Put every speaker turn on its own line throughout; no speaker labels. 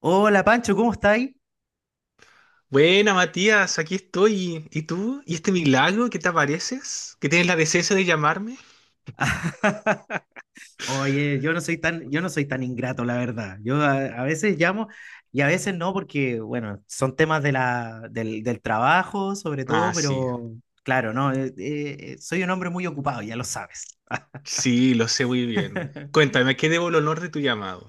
Hola Pancho, ¿cómo estáis?
Buena, Matías, aquí estoy. ¿Y tú? ¿Y este milagro que te apareces? ¿Que tienes la decencia de llamarme?
Oye, yo no soy tan ingrato, la verdad. Yo a veces llamo y a veces no, porque, bueno, son temas de del trabajo, sobre
Ah,
todo,
sí.
pero claro, no, soy un hombre muy ocupado, ya lo sabes.
Sí, lo sé muy bien. Cuéntame, ¿a qué debo el honor de tu llamado?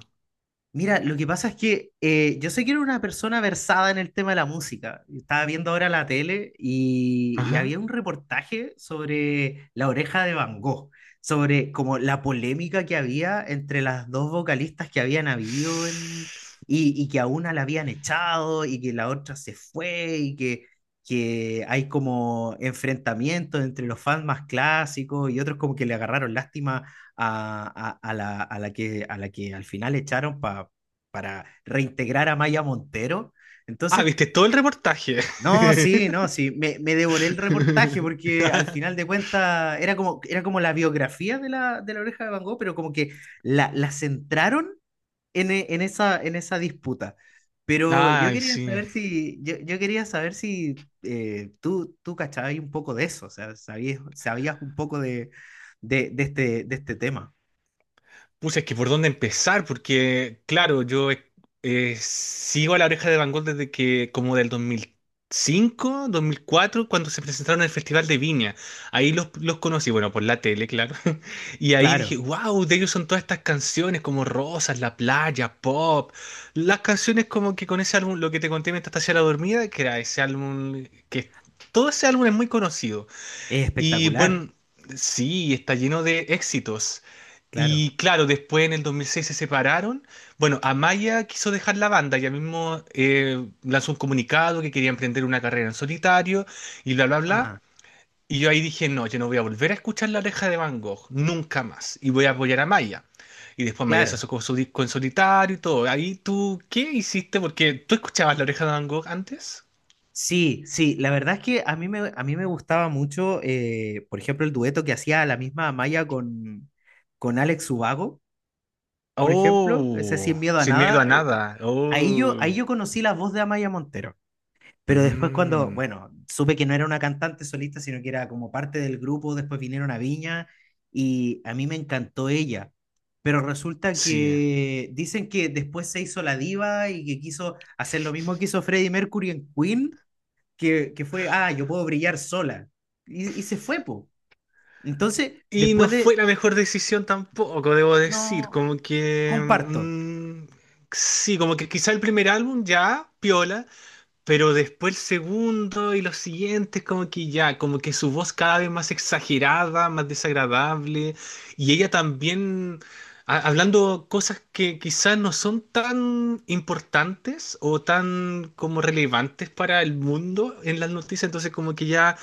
Mira, lo que pasa es que yo sé que era una persona versada en el tema de la música. Estaba viendo ahora la tele y había
Ajá.
un reportaje sobre La Oreja de Van Gogh, sobre como la polémica que había entre las dos vocalistas que habían habido y que a una la habían echado y que la otra se fue y que hay como enfrentamientos entre los fans más clásicos y otros como que le agarraron lástima a la que al final echaron para reintegrar a Maya Montero.
Ah,
Entonces,
viste todo el reportaje.
no, sí, no, sí, me devoré el reportaje porque al final de cuentas era como la biografía de la Oreja de Van Gogh, pero como que la centraron en esa disputa. Pero yo
Ay,
quería
sí.
saber si, yo quería saber si tú cachabas un poco de eso, o sea, sabías un poco de este tema.
Pues es que por dónde empezar, porque claro, yo sigo a La Oreja de Van Gogh desde que, como del 2005 2004 cuando se presentaron en el Festival de Viña. Ahí los conocí, bueno, por la tele, claro. Y ahí
Claro.
dije, wow, de ellos son todas estas canciones como Rosas, La Playa, Pop. Las canciones como que con ese álbum, lo que te conté mientras te hacía la dormida, que era ese álbum, que todo ese álbum es muy conocido.
Es
Y
espectacular,
bueno, sí, está lleno de éxitos.
claro.
Y claro, después en el 2006 se separaron. Bueno, Amaya quiso dejar la banda, ella mismo lanzó un comunicado que quería emprender una carrera en solitario y bla, bla, bla.
Ah,
Y yo ahí dije, no, yo no voy a volver a escuchar La Oreja de Van Gogh, nunca más. Y voy a apoyar a Amaya. Y después Amaya se
claro.
sacó su disco en solitario y todo. Ahí tú, ¿qué hiciste? Porque tú escuchabas La Oreja de Van Gogh antes.
Sí, sí, la verdad es que a mí me gustaba mucho, por ejemplo, el dueto que hacía la misma Amaya con Alex Ubago, por ejemplo, ese
Oh,
Sin Miedo a
sin miedo a
Nada. eh, a-
nada.
ahí yo,
Oh,
ahí yo conocí la voz de Amaya Montero. Pero después cuando,
mm,
bueno, supe que no era una cantante solista, sino que era como parte del grupo, después vinieron a Viña y a mí me encantó ella. Pero resulta
sí.
que dicen que después se hizo la diva y que quiso hacer lo mismo que hizo Freddie Mercury en Queen, que fue, yo puedo brillar sola. Y se fue, po. Entonces,
Y no fue la mejor decisión tampoco, debo decir.
no,
Como que.
comparto.
Mm, sí, como que quizá el primer álbum ya, piola, pero después el segundo y los siguientes, como que ya, como que su voz cada vez más exagerada, más desagradable. Y ella también hablando cosas que quizás no son tan importantes o tan como relevantes para el mundo en las noticias. Entonces, como que ya.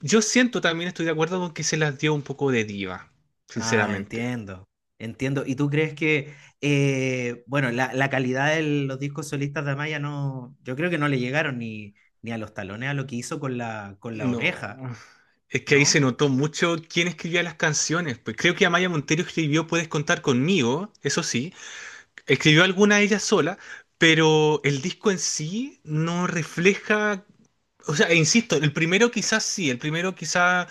Yo siento también, estoy de acuerdo con que se las dio un poco de diva,
Ah,
sinceramente.
entiendo, entiendo. ¿Y tú crees que, bueno, la calidad de los discos solistas de Amaya no, yo creo que no le llegaron ni a los talones a lo que hizo con la
No,
oreja,
es que ahí se
¿no?
notó mucho quién escribía las canciones. Pues creo que Amaya Montero escribió Puedes contar conmigo, eso sí. Escribió alguna ella sola, pero el disco en sí no refleja. O sea, e insisto, el primero quizás sí, el primero quizás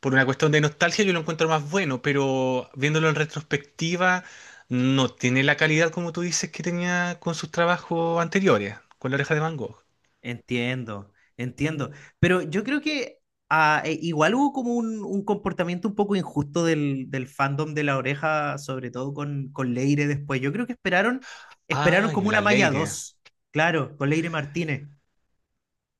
por una cuestión de nostalgia yo lo encuentro más bueno, pero viéndolo en retrospectiva, no tiene la calidad como tú dices que tenía con sus trabajos anteriores, con La Oreja de Van Gogh.
Entiendo, entiendo. Pero yo creo que igual hubo como un comportamiento un poco injusto del fandom de La Oreja, sobre todo con Leire después. Yo creo que esperaron
Ah,
como
y
una
La
Amaya
Leire.
2, claro, con Leire Martínez.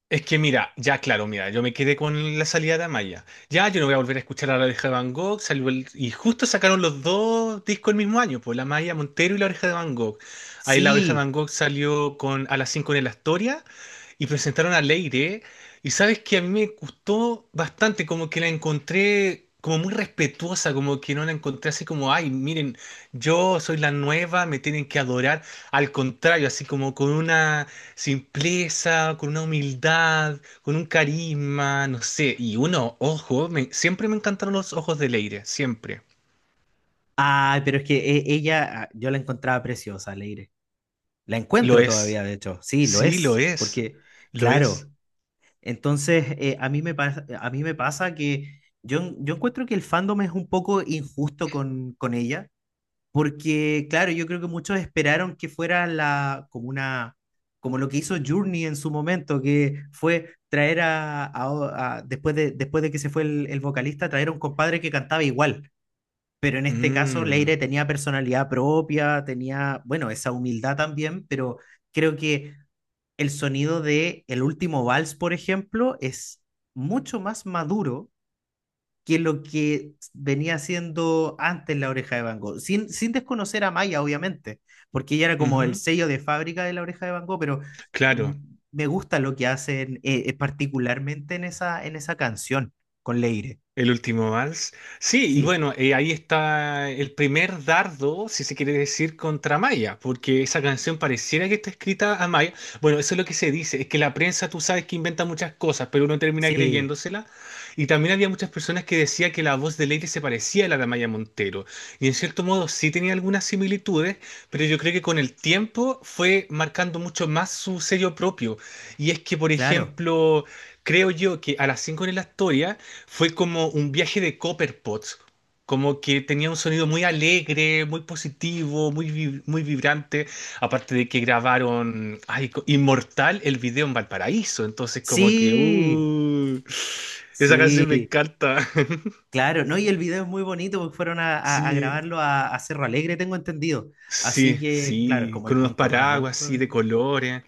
Es que mira, ya claro, mira, yo me quedé con la salida de Amaya. Ya, yo no voy a volver a escuchar a La Oreja de Van Gogh. Y justo sacaron los dos discos el mismo año, pues La Maya Montero y La Oreja de Van Gogh. Ahí La Oreja de
Sí.
Van Gogh salió con, a las 5 en el Astoria y presentaron a Leire. Y sabes que a mí me gustó bastante, como que la encontré como muy respetuosa, como que no la encontré así como, ay, miren, yo soy la nueva, me tienen que adorar. Al contrario, así como con una simpleza, con una humildad, con un carisma, no sé. Y uno, ojo, siempre me encantaron los ojos de Leire, siempre.
Ay, pero es que ella, yo la encontraba preciosa, Leire. La
Lo
encuentro
es.
todavía, de hecho. Sí, lo
Sí, lo
es,
es.
porque,
Lo es.
claro. Entonces, a mí me pasa que yo encuentro que el fandom es un poco injusto con ella, porque, claro, yo creo que muchos esperaron que fuera como lo que hizo Journey en su momento, que fue traer después de que se fue el vocalista, traer a un compadre que cantaba igual. Pero en este caso, Leire
Mm,
tenía personalidad propia, tenía, bueno, esa humildad también, pero creo que el sonido de El último vals, por ejemplo, es mucho más maduro que lo que venía haciendo antes La Oreja de Van Gogh, sin desconocer a Maya, obviamente, porque ella era como el
ujú,
sello de fábrica de La Oreja de Van Gogh, pero mm,
claro.
me gusta lo que hacen particularmente en esa canción con Leire.
El último vals. Sí, y
Sí,
bueno, ahí está el primer dardo, si se quiere decir, contra Maya, porque esa canción pareciera que está escrita a Maya. Bueno, eso es lo que se dice, es que la prensa tú sabes que inventa muchas cosas, pero uno termina
sí,
creyéndosela. Y también había muchas personas que decían que la voz de Leire se parecía a la de Maya Montero. Y en cierto modo sí tenía algunas similitudes, pero yo creo que con el tiempo fue marcando mucho más su sello propio. Y es que, por
claro.
ejemplo, creo yo que a las 5 en la historia fue como un viaje de Copperpot, como que tenía un sonido muy alegre, muy positivo, muy vibrante, aparte de que grabaron ay, Inmortal el video en Valparaíso, entonces como que,
Sí,
esa
sí,
canción me encanta.
claro, ¿no? Y el video es muy bonito porque fueron a
Sí,
grabarlo a Cerro Alegre, tengo entendido. Así
sí,
que, claro, es
sí,
como el
con unos
punto más
paraguas
bonito.
así de colores.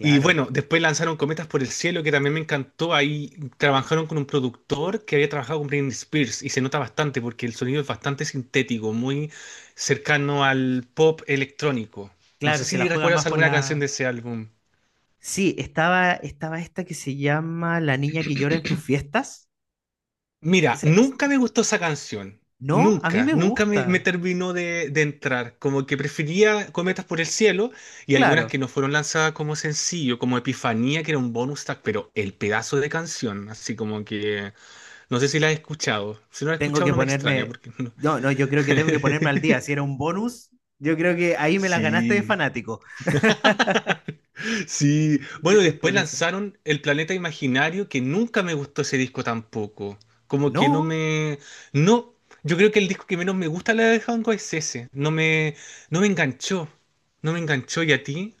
Y bueno, después lanzaron Cometas por el Cielo, que también me encantó. Ahí trabajaron con un productor que había trabajado con Britney Spears y se nota bastante porque el sonido es bastante sintético, muy cercano al pop electrónico. No sé
claro, se la
si
juega
recuerdas
más por
alguna canción
la...
de ese álbum.
Sí, estaba esta que se llama La niña que llora en tus fiestas.
Mira,
Esa- esa-
nunca me gustó esa canción.
No, a mí
Nunca,
me
nunca
gusta.
me terminó de entrar. Como que prefería Cometas por el Cielo y algunas
Claro,
que no fueron lanzadas como sencillo, como Epifanía, que era un bonus track, pero el pedazo de canción, así como que... No sé si la has escuchado. Si no la has
tengo
escuchado,
que
no me extraña
ponerme...
porque no.
no, no, yo creo que tengo que ponerme al día. Si era un bonus, yo creo que ahí me la ganaste de
Sí.
fanático.
Sí. Bueno,
Creo que es
después
por eso.
lanzaron El Planeta Imaginario, que nunca me gustó ese disco tampoco. Como que no
No.
me. No. Yo creo que el disco que menos me gusta la de Hanko es ese. No me. No me enganchó. No me enganchó. ¿Y a ti?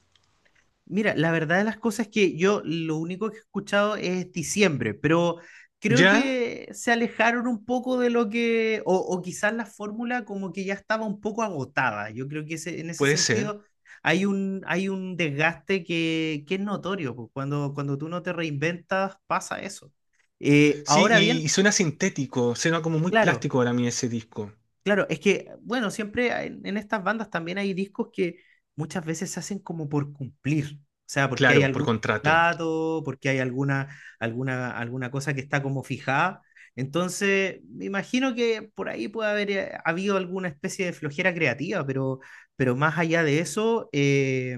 Mira, la verdad de las cosas es que yo lo único que he escuchado es diciembre, pero creo
¿Ya?
que se alejaron un poco de lo que, o quizás la fórmula como que ya estaba un poco agotada. Yo creo que en ese
Puede ser.
sentido hay un desgaste que es notorio, pues, cuando tú no te reinventas pasa eso.
Sí,
Ahora bien,
y suena sintético. Suena como muy
claro.
plástico para mí ese disco.
Claro, es que, bueno, siempre estas bandas también hay discos que muchas veces se hacen como por cumplir, o sea, porque hay
Claro, por
algún
contrato.
dato, porque hay alguna cosa que está como fijada. Entonces, me imagino que por ahí puede haber habido alguna especie de flojera creativa, pero más allá de eso, eh,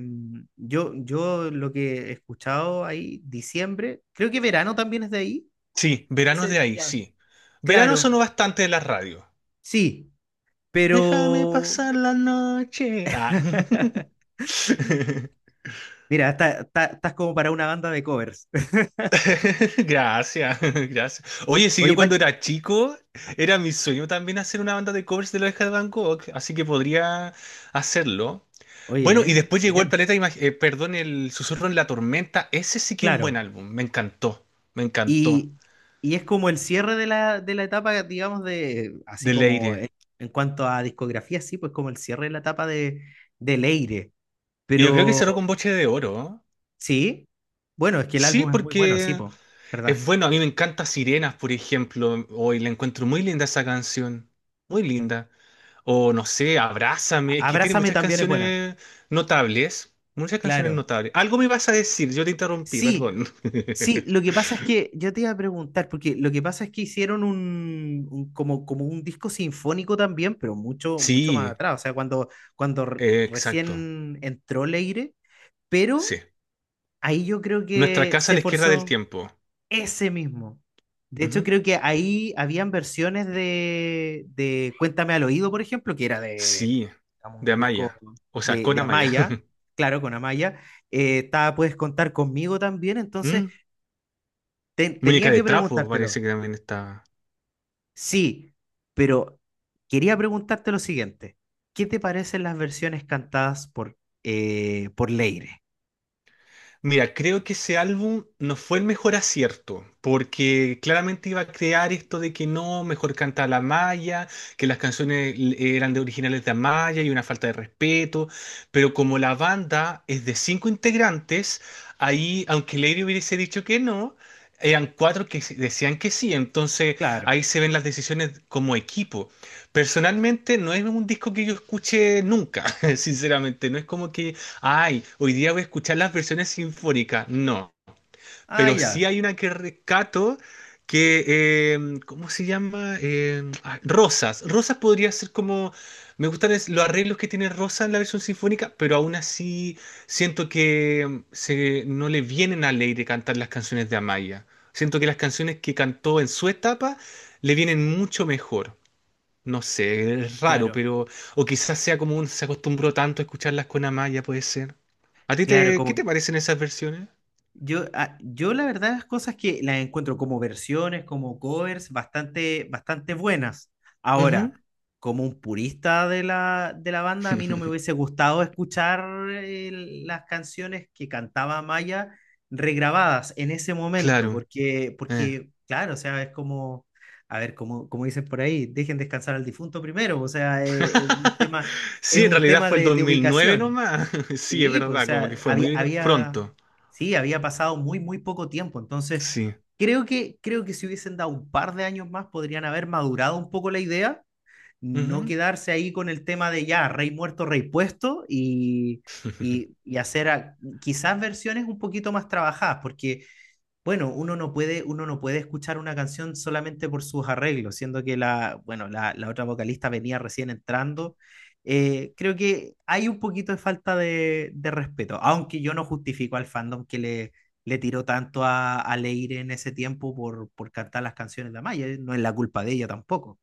yo, yo lo que he escuchado ahí, diciembre, creo que verano también es de ahí.
Sí, verano es de
Ese,
ahí,
ya.
sí. Verano
Claro,
sonó bastante en la radio.
sí,
Déjame
pero...
pasar la noche. Ah.
Mira, estás como para una banda de covers.
Gracias, gracias. Oye, si yo
Oye,
cuando
Pach,
era chico,
ah,
era mi sueño también hacer una banda de covers de la oreja de Van Gogh, así que podría hacerlo. Bueno,
oye,
y
¿eh?
después llegó el
Bien,
Planeta, perdón, el Susurro en la Tormenta. Ese sí que es un buen
claro.
álbum, me encantó, me encantó.
Y, y es como el cierre de la etapa, digamos, así
De
como en,
Leire.
en cuanto a discografía, sí, pues como el cierre de la etapa de Leire.
Y yo creo que
Pero
cerró con Boche de Oro. ¿No?
sí, bueno, es que el
Sí,
álbum es muy bueno, sí,
porque
pues, ¿verdad?
es bueno, a mí me encanta Sirenas, por ejemplo. Hoy la encuentro muy linda esa canción. Muy linda. O no sé, Abrázame. Es que tiene
Abrázame
muchas
también es buena,
canciones notables. Muchas canciones
claro.
notables. Algo me vas a decir, yo te interrumpí,
Sí,
perdón.
sí, lo que pasa es que yo te iba a preguntar, porque lo que pasa es que hicieron un, como un disco sinfónico también, pero mucho, mucho más
Sí,
atrás, o sea, cuando, cuando
exacto.
recién entró Leire, pero
Sí.
ahí yo creo
Nuestra
que
casa a
se
la izquierda del
forzó
tiempo.
ese mismo. De hecho,
Ujú.
creo que ahí habían versiones de Cuéntame al oído, por ejemplo, que era de
Sí,
digamos,
de
un disco
Amaya. O sea,
de,
con
de
Amaya.
Amaya, claro, con Amaya. Estaba Puedes contar conmigo también, entonces...
Mm,
Ten-
Muñeca
tenía
de
que
trapo
preguntártelo.
parece que también está.
Sí, pero quería preguntarte lo siguiente. ¿Qué te parecen las versiones cantadas por Leire?
Mira, creo que ese álbum no fue el mejor acierto, porque claramente iba a crear esto de que no, mejor canta la Maya, que las canciones eran de originales de Amaya y una falta de respeto, pero como la banda es de cinco integrantes, ahí, aunque Lady hubiese dicho que no, eran cuatro que decían que sí, entonces
Claro.
ahí se ven las decisiones como equipo. Personalmente no es un disco que yo escuche nunca, sinceramente, no es como que ay, hoy día voy a escuchar las versiones sinfónicas. No,
Ah,
pero sí
ya.
hay una que rescato que, eh, ¿cómo se llama? Rosas. Rosas podría ser como, me gustan los arreglos que tiene Rosas en la versión sinfónica, pero aún así siento que no le vienen al aire cantar las canciones de Amaya. Siento que las canciones que cantó en su etapa le vienen mucho mejor. No sé, es raro,
Claro.
pero. O quizás sea como un, se acostumbró tanto a escucharlas con Amaya, puede ser. ¿A ti
Claro,
qué te parecen esas versiones?
Yo la verdad las cosas que las encuentro como versiones, como covers, bastante, bastante buenas.
Ujú.
Ahora, como un purista de la banda, a mí no me hubiese gustado escuchar las canciones que cantaba Maya regrabadas en ese momento,
Claro.
porque,
Eh.
porque claro, o sea, es como, a ver, como dicen por ahí, dejen descansar al difunto primero, o sea, es un tema, es
Sí, en
un
realidad
tema
fue el
de
2009
ubicación.
nomás. Sí, es
Sí, pues, o
verdad, como que
sea,
fue muy pronto.
sí, había pasado muy, muy poco tiempo. Entonces,
Sí.
creo que si hubiesen dado un par de años más, podrían haber madurado un poco la idea, no
Ujú.
quedarse ahí con el tema de ya, rey muerto, rey puesto, y, y, y hacer quizás versiones un poquito más trabajadas, porque bueno, uno no puede escuchar una canción solamente por sus arreglos, siendo que bueno, la otra vocalista venía recién entrando. Creo que hay un poquito de falta de respeto, aunque yo no justifico al fandom que le tiró tanto a Leire en ese tiempo por cantar las canciones de Amaya, no es la culpa de ella tampoco.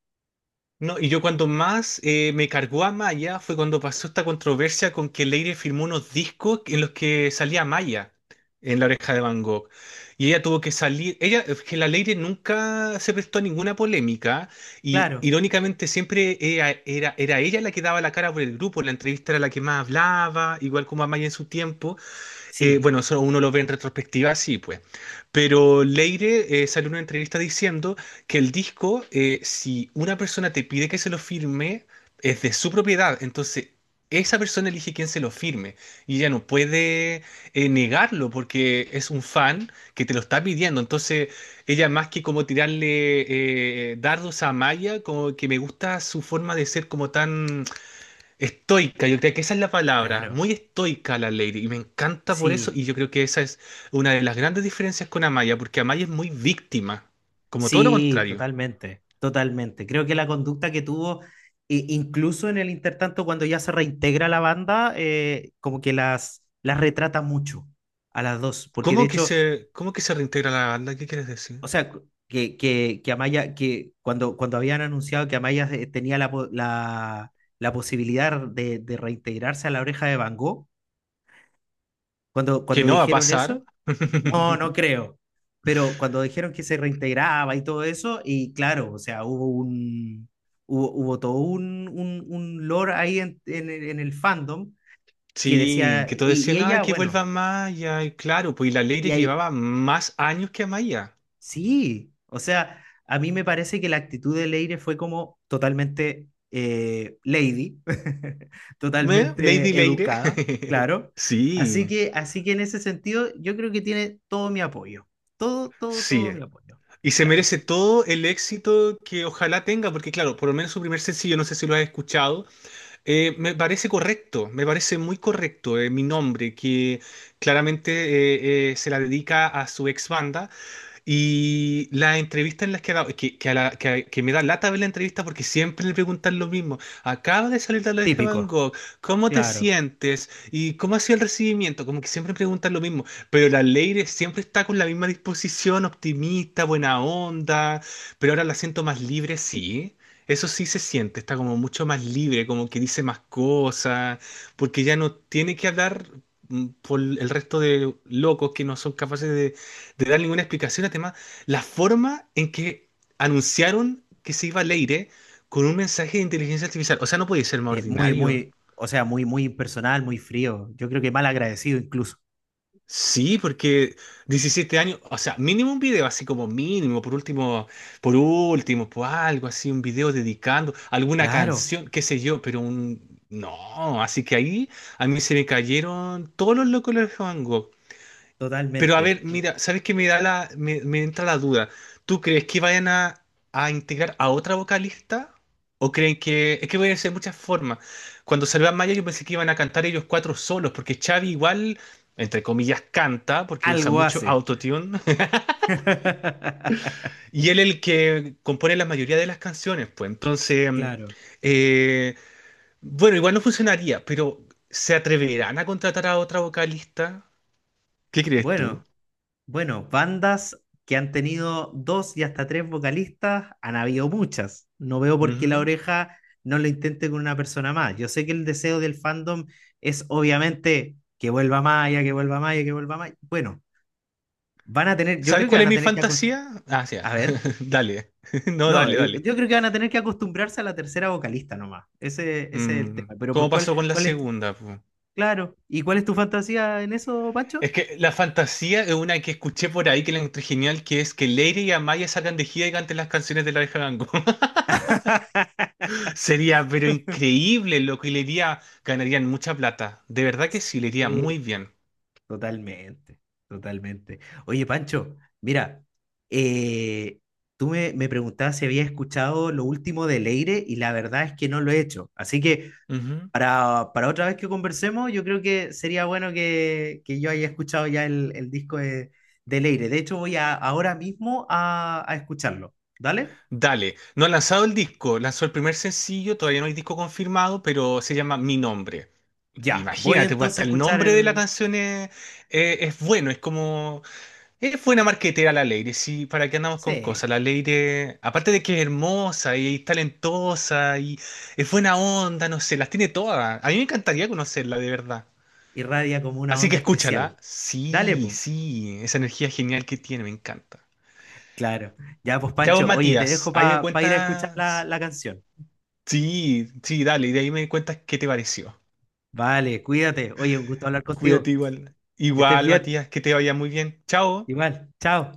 No, y yo cuando más me cargó a Maya fue cuando pasó esta controversia con que Leire firmó unos discos en los que salía Maya en La Oreja de Van Gogh. Y ella tuvo que salir, ella, es que la Leire nunca se prestó a ninguna polémica y
Claro,
irónicamente siempre era, ella la que daba la cara por el grupo, en la entrevista era la que más hablaba, igual como a Maya en su tiempo,
sí,
bueno, eso uno lo ve en retrospectiva, sí, pues. Pero Leire salió en una entrevista diciendo que el disco, si una persona te pide que se lo firme, es de su propiedad. Entonces, esa persona elige quién se lo firme. Y ella no puede negarlo porque es un fan que te lo está pidiendo. Entonces, ella más que como tirarle dardos a Maya, como que me gusta su forma de ser como tan estoica, yo creo que esa es la palabra,
claro,
muy estoica la Lady, y me encanta por eso,
sí.
y yo creo que esa es una de las grandes diferencias con Amaya, porque Amaya es muy víctima, como todo lo
Sí,
contrario.
totalmente, totalmente. Creo que la conducta que tuvo, incluso en el intertanto, cuando ya se reintegra la banda, como que las retrata mucho a las dos, porque de
¿Cómo que
hecho,
se, cómo que se reintegra la banda? ¿Qué quieres decir?
o sea, cu- que Amaya, que cuando, cuando habían anunciado que Amaya tenía la posibilidad de reintegrarse a La Oreja de Van Gogh, cuando,
Que
cuando
no va a
dijeron
pasar.
eso. No, no creo. Pero cuando dijeron que se reintegraba y todo eso, y claro, o sea, hubo todo un lore ahí en el fandom que
Sí,
decía,
que todos
y
decían, ay,
ella,
que vuelva
bueno,
Amaya, y claro, pues y la
y
Lady
ahí,
llevaba más años que Amaya.
sí, o sea, a mí me parece que la actitud de Leire fue como totalmente lady,
¿Eh? Lady
totalmente
Leire.
educada, claro. Así
Sí,
que, así que en ese sentido, yo creo que tiene todo mi apoyo, todo, todo,
sí.
todo mi apoyo.
Y se
Claro,
merece
así
todo el éxito que ojalá tenga, porque claro, por lo menos su primer sencillo, no sé si lo has escuchado, me parece correcto, me parece muy correcto, mi nombre, que claramente se la dedica a su ex banda. Y las entrevistas en las que hago, que me da lata ver la entrevista porque siempre le preguntan lo mismo. Acaba de salir de la de Van
típico,
Gogh, ¿cómo te
claro.
sientes? ¿Y cómo ha sido el recibimiento? Como que siempre preguntan lo mismo. Pero la Leire siempre está con la misma disposición, optimista, buena onda, pero ahora la siento más libre, sí. Eso sí se siente, está como mucho más libre, como que dice más cosas, porque ya no tiene que hablar por el resto de locos que no son capaces de dar ninguna explicación al tema, la forma en que anunciaron que se iba Leire con un mensaje de inteligencia artificial. O sea, no podía ser más
Muy,
ordinario.
muy, o sea, muy, muy impersonal, muy frío. Yo creo que mal agradecido incluso.
Sí, porque 17 años, o sea, mínimo un video, así como mínimo, por último, por último, por algo así, un video dedicando alguna
Claro,
canción, qué sé yo, pero un... No, así que ahí a mí se me cayeron todos los locos de Van Gogh. Pero a
totalmente.
ver, mira, ¿sabes qué me da me entra la duda? ¿Tú crees que vayan a integrar a otra vocalista? ¿O creen que... Es que pueden ser muchas formas. Cuando salió Maya yo pensé que iban a cantar ellos cuatro solos, porque Xavi igual, entre comillas, canta, porque usa
Algo
mucho
hace.
autotune, y él el que compone la mayoría de las canciones, pues. Entonces,
Claro.
eh, bueno, igual no funcionaría, pero ¿se atreverán a contratar a otra vocalista? ¿Qué crees tú?
Bueno, bueno, bandas que han tenido dos y hasta tres vocalistas, han habido muchas. No veo por qué La Oreja no lo intente con una persona más. Yo sé que el deseo del fandom es obviamente que vuelva Maya, que vuelva Maya, que vuelva Maya. Bueno, van a tener, yo
¿Sabes
creo que
cuál
van
es
a
mi
tener que acost-
fantasía? Ah, sí, ya.
A ver.
Dale. No,
No,
dale, dale.
yo creo que van a tener que acostumbrarse a la tercera vocalista nomás. Ese es el tema. Pero por
¿Cómo
cuál,
pasó con la
cuál es, tu-
segunda? Po?
claro, ¿y cuál es tu fantasía en eso, Pancho?
Es que la fantasía es una que escuché por ahí que la encontré genial, que es que Leire y Amaya salgan de gira y canten las canciones de la oreja de Van Gogh. Sería, pero increíble lo que le iría, ganarían mucha plata. De verdad que
Sí,
sí, le iría
eh,
muy bien.
totalmente, totalmente. Oye, Pancho, mira, eh, tú me preguntabas si había escuchado lo último de Leire y la verdad es que no lo he hecho. Así que
Ujú.
Para otra vez que conversemos, yo creo que sería bueno que yo haya escuchado ya el disco de Leire. De hecho, ahora mismo a escucharlo. ¿Dale?
Dale, no ha lanzado el disco, lanzó el primer sencillo, todavía no hay disco confirmado, pero se llama Mi Nombre.
Ya, voy
Imagínate, pues
entonces a
hasta el
escuchar
nombre de la
el...
canción es, es bueno, es como, es buena marquetera la Leire, sí, para qué andamos con
Sí,
cosas, la Leire, aparte de que es hermosa y, es talentosa y es buena onda, no sé, las tiene todas, a mí me encantaría conocerla de verdad,
irradia como una
así que
onda
escúchala,
especial. Dale,
sí,
pues.
sí, esa energía genial que tiene, me encanta.
Claro. Ya, pues
Ya vos,
Pancho, oye, te
Matías,
dejo
ahí me
para ir a escuchar la,
cuentas,
la canción.
sí, sí, dale, y de ahí me cuentas qué te pareció,
Vale, cuídate. Oye, un gusto hablar
cuídate
contigo.
igual,
Que estés
igual,
bien.
Matías, que te vaya muy bien, chao.
Igual, chao.